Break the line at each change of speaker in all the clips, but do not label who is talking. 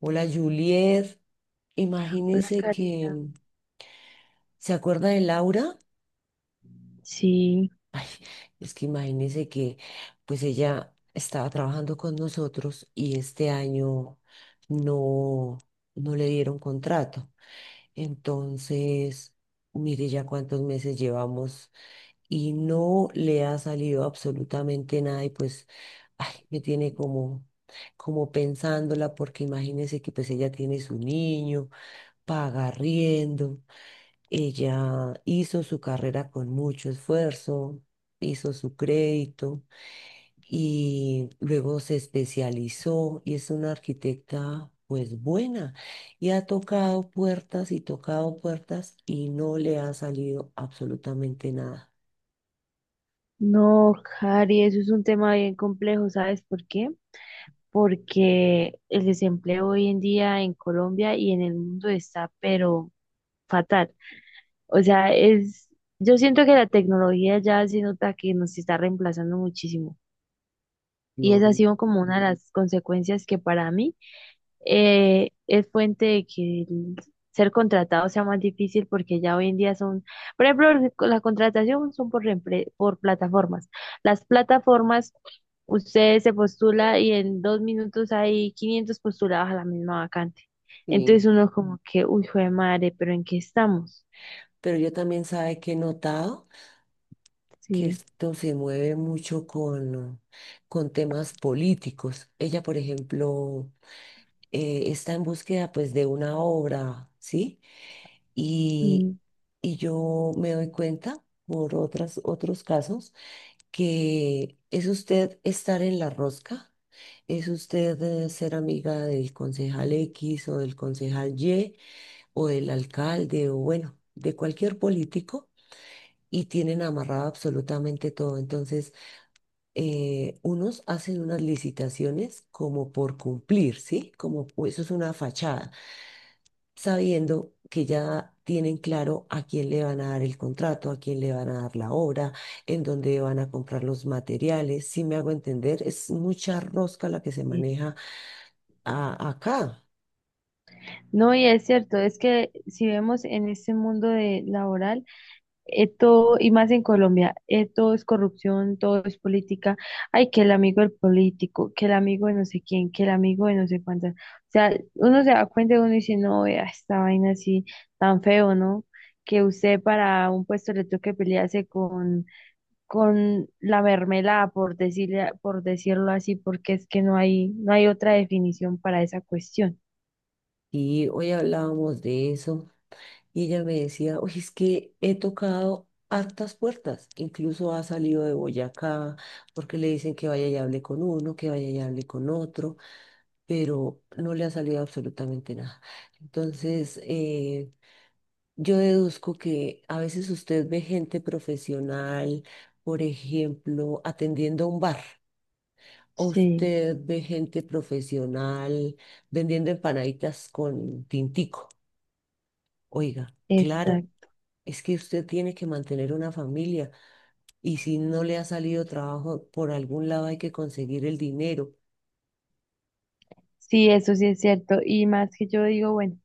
Hola, Juliet,
Hola
imagínese que,
Karina.
¿se acuerda de Laura?
Sí,
Ay, es que imagínese que pues ella estaba trabajando con nosotros y este año no, no le dieron contrato. Entonces, mire ya cuántos meses llevamos y no le ha salido absolutamente nada y pues, ay, me tiene como pensándola porque imagínese que pues ella tiene su niño, paga riendo. Ella hizo su carrera con mucho esfuerzo, hizo su crédito y luego se especializó y es una arquitecta pues buena, y ha tocado puertas y no le ha salido absolutamente nada.
no, Cari, eso es un tema bien complejo, ¿sabes por qué? Porque el desempleo hoy en día en Colombia y en el mundo está, pero fatal. O sea, yo siento que la tecnología ya se nota que nos está reemplazando muchísimo. Y esa ha
Yo-
sido como una de las consecuencias que para mí es fuente de que el ser contratado sea más difícil porque ya hoy en día son, por ejemplo, la contratación son por, por plataformas. Las plataformas, usted se postula y en 2 minutos hay 500 postulados a la misma vacante.
sí.
Entonces uno como que, uy, jue madre, pero ¿en qué estamos?
Pero yo también sabe que he notado que
Sí.
esto se mueve mucho con temas políticos. Ella, por ejemplo, está en búsqueda pues de una obra, ¿sí? Y,
Mm,
y yo me doy cuenta por otras, otros casos, que es usted estar en la rosca, es usted ser amiga del concejal X o del concejal Y, o del alcalde, o bueno, de cualquier político. Y tienen amarrado absolutamente todo. Entonces, unos hacen unas licitaciones como por cumplir, ¿sí? Como pues, eso es una fachada, sabiendo que ya tienen claro a quién le van a dar el contrato, a quién le van a dar la obra, en dónde van a comprar los materiales. Si me hago entender, es mucha rosca la que se
sí.
maneja acá.
No, y es cierto, es que si vemos en este mundo de laboral, todo, y más en Colombia, todo es corrupción, todo es política. Ay, que el amigo del político, que el amigo de no sé quién, que el amigo de no sé cuántas. O sea, uno se da cuenta y uno dice, no, vea, esta vaina así tan feo, ¿no? Que usted para un puesto le toque pelearse con la mermelada, por decirle, por decirlo así, porque es que no hay otra definición para esa cuestión.
Y hoy hablábamos de eso y ella me decía, oye, es que he tocado hartas puertas, incluso ha salido de Boyacá porque le dicen que vaya y hable con uno, que vaya y hable con otro, pero no le ha salido absolutamente nada. Entonces, yo deduzco que a veces usted ve gente profesional, por ejemplo, atendiendo un bar, o
Sí,
usted ve gente profesional vendiendo empanaditas con tintico. Oiga, claro,
exacto.
es que usted tiene que mantener una familia y si no le ha salido trabajo, por algún lado hay que conseguir el dinero.
Sí, eso sí es cierto. Y más que yo digo, bueno.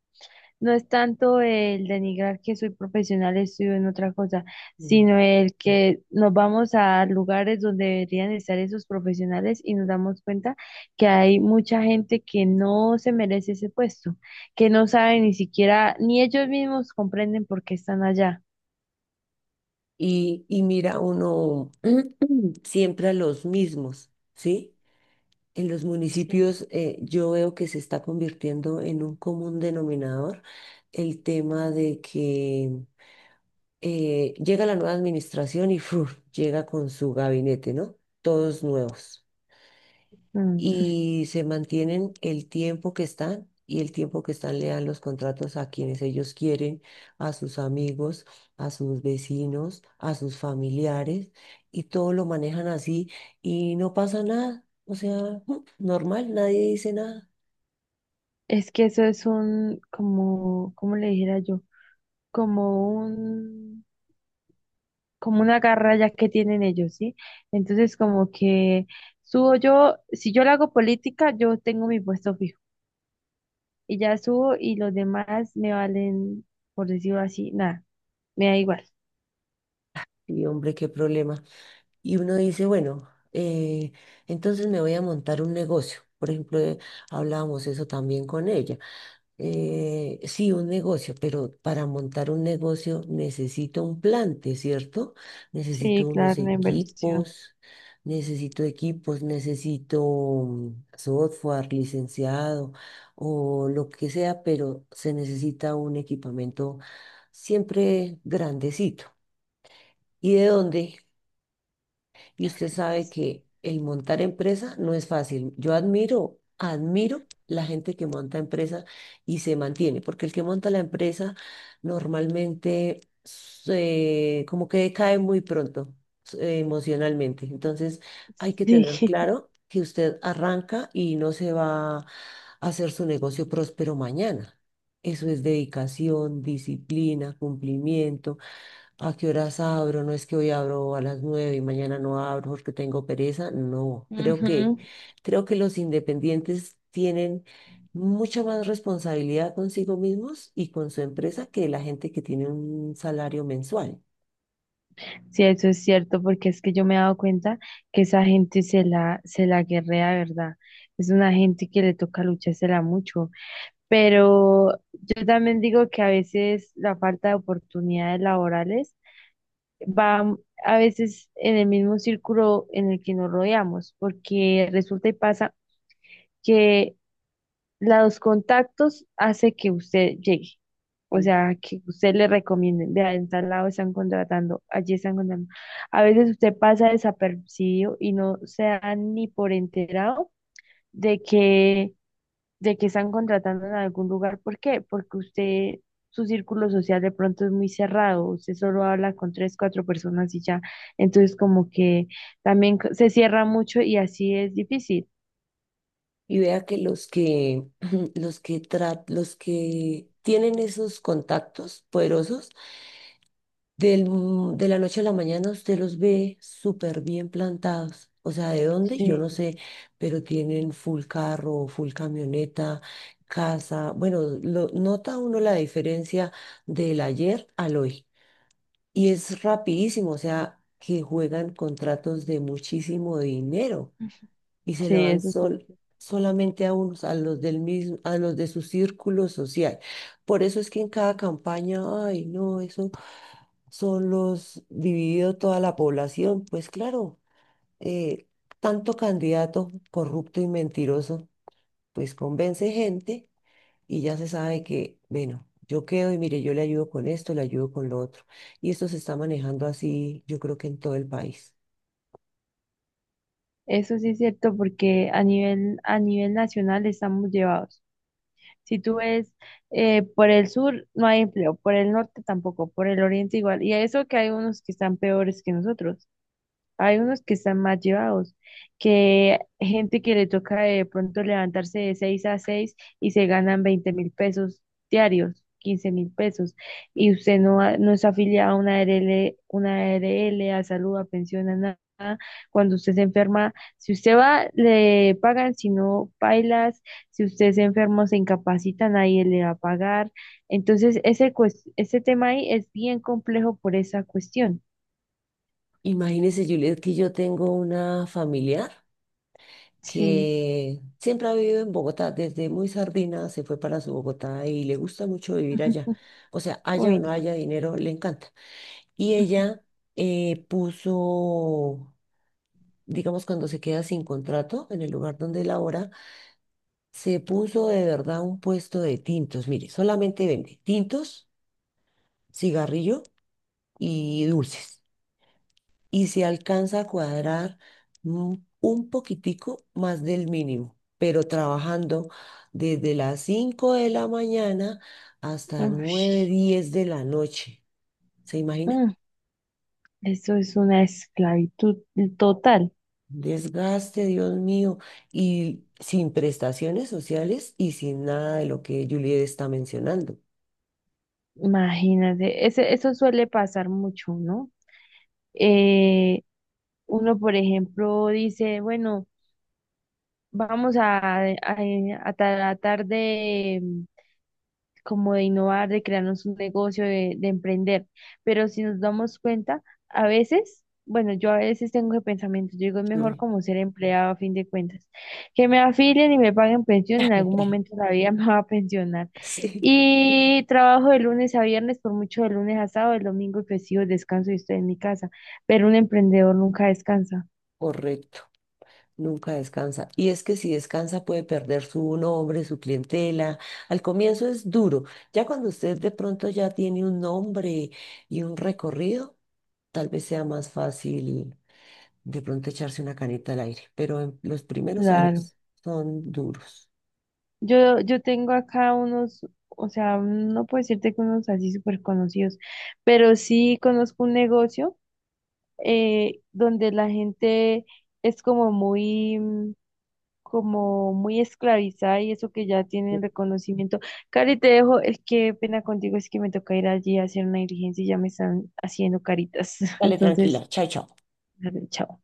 No es tanto el denigrar que soy profesional, estudio en otra cosa,
Mm.
sino el que nos vamos a lugares donde deberían estar esos profesionales y nos damos cuenta que hay mucha gente que no se merece ese puesto, que no sabe ni siquiera, ni ellos mismos comprenden por qué están allá.
Y mira uno siempre a los mismos, ¿sí? En los
Sí.
municipios, yo veo que se está convirtiendo en un común denominador el tema de que llega la nueva administración y ¡fuf!, llega con su gabinete, ¿no? Todos nuevos,
Mm.
y se mantienen el tiempo que están, y el tiempo que están le dan los contratos a quienes ellos quieren, a sus amigos, a sus vecinos, a sus familiares, y todo lo manejan así y no pasa nada. O sea, normal, nadie dice nada.
Es que eso es un, como, ¿cómo le dijera yo? Como un... como una garra ya que tienen ellos, ¿sí? Entonces, como que subo yo, si yo le hago política, yo tengo mi puesto fijo y ya subo y los demás me valen, por decirlo así, nada, me da igual.
Y hombre, qué problema. Y uno dice, bueno, entonces me voy a montar un negocio. Por ejemplo, hablábamos eso también con ella. Sí, un negocio, pero para montar un negocio necesito un plante, ¿cierto?
Sí,
Necesito unos
claro, una inversión.
equipos, necesito software licenciado o lo que sea, pero se necesita un equipamiento siempre grandecito. ¿Y de dónde? Y usted sabe que el montar empresa no es fácil. Yo admiro, admiro la gente que monta empresa y se mantiene, porque el que monta la empresa normalmente como que cae muy pronto emocionalmente. Entonces hay que tener
Sí.
claro que usted arranca y no se va a hacer su negocio próspero mañana. Eso es dedicación, disciplina, cumplimiento. ¿A qué horas abro? No es que hoy abro a las 9 y mañana no abro porque tengo pereza. No, creo que,
Ujú.
creo que los independientes tienen mucha más responsabilidad consigo mismos y con su empresa que la gente que tiene un salario mensual.
Sí, eso es cierto, porque es que yo me he dado cuenta que esa gente se la guerrea, ¿verdad? Es una gente que le toca luchársela mucho. Pero yo también digo que a veces la falta de oportunidades laborales va a veces en el mismo círculo en el que nos rodeamos, porque resulta y pasa que los contactos hace que usted llegue. O
Ujú.
sea, que usted le recomienden, vea, en tal lado están contratando, allí están contratando. A veces usted pasa desapercibido y no se da ni por enterado de que de que están contratando en algún lugar. ¿Por qué? Porque usted, su círculo social de pronto es muy cerrado, usted solo habla con tres, cuatro personas y ya. Entonces como que también se cierra mucho y así es difícil.
Y vea que los que tienen esos contactos poderosos, de la noche a la mañana usted los ve súper bien plantados. O sea, ¿de dónde? Yo no
Sí,
sé, pero tienen full carro, full camioneta, casa. Bueno, nota uno la diferencia del ayer al hoy. Y es rapidísimo, o sea, que juegan contratos de muchísimo dinero y se lo
sí,
dan
eso sí.
solamente a unos, a los del mismo, a los de su círculo social. Por eso es que en cada campaña, ay, no, eso son los dividido toda la población, pues claro, eh, tanto candidato corrupto y mentiroso, pues convence gente y ya se sabe que, bueno, yo quedo y mire, yo le ayudo con esto, le ayudo con lo otro. Y esto se está manejando así, yo creo que en todo el país.
Eso sí es cierto porque a nivel nacional estamos llevados. Si tú ves por el sur no hay empleo, por el norte tampoco, por el oriente igual. Y a eso que hay unos que están peores que nosotros. Hay unos que están más llevados, que gente que le toca de pronto levantarse de 6 a 6 y se ganan 20.000 pesos diarios, 15.000 pesos, y usted no, no es afiliado a una A R l a salud, a pensión, a nada. Cuando usted se enferma, si usted va, le pagan, si no, bailas, si usted se enferma, o se incapacita, nadie le va a pagar. Entonces, ese, ese tema ahí es bien complejo por esa cuestión.
Imagínese, Juliet, que yo tengo una familiar
Sí.
que siempre ha vivido en Bogotá, desde muy sardina se fue para su Bogotá y le gusta mucho vivir
Ujú.
allá. O sea, haya o
Uy,
no
no.
haya dinero, le encanta. Y ella puso, digamos, cuando se queda sin contrato en el lugar donde labora, se puso de verdad un puesto de tintos. Mire, solamente vende tintos, cigarrillo y dulces. Y se alcanza a cuadrar mm, un poquitico más del mínimo, pero trabajando desde las 5 de la mañana hasta 9
Ush,
10 de la noche. ¿Se imagina?
mm, eso es una esclavitud total.
Desgaste, Dios mío, y sin prestaciones sociales y sin nada de lo que Juliet está mencionando.
Imagínate, eso suele pasar mucho, ¿no? Eh, uno, por ejemplo, dice, bueno, vamos a, a tratar de, como de innovar, de crearnos un negocio, de emprender. Pero si nos damos cuenta, a veces, bueno, yo a veces tengo ese pensamiento, yo digo, es mejor
Sí.
como ser empleado a fin de cuentas, que me afilien y me paguen pensión, en algún momento de la vida me va a pensionar.
Sí,
Y trabajo de lunes a viernes, por mucho de lunes a sábado, el domingo y festivo descanso y estoy en mi casa, pero un emprendedor nunca descansa.
correcto. Nunca descansa. Y es que si descansa puede perder su nombre, su clientela. Al comienzo es duro. Ya cuando usted de pronto ya tiene un nombre y un recorrido, tal vez sea más fácil de pronto echarse una canita al aire. Pero en los primeros
Claro.
años son duros.
Yo tengo acá unos, o sea, no puedo decirte que unos así súper conocidos, pero sí conozco un negocio donde la gente es como muy, como muy esclavizada y eso que ya tienen reconocimiento. Cari, te dejo, es que pena contigo, es que me toca ir allí a hacer una diligencia y ya me están haciendo caritas.
Dale,
Entonces,
tranquila. Chao, chao.
dale, chao.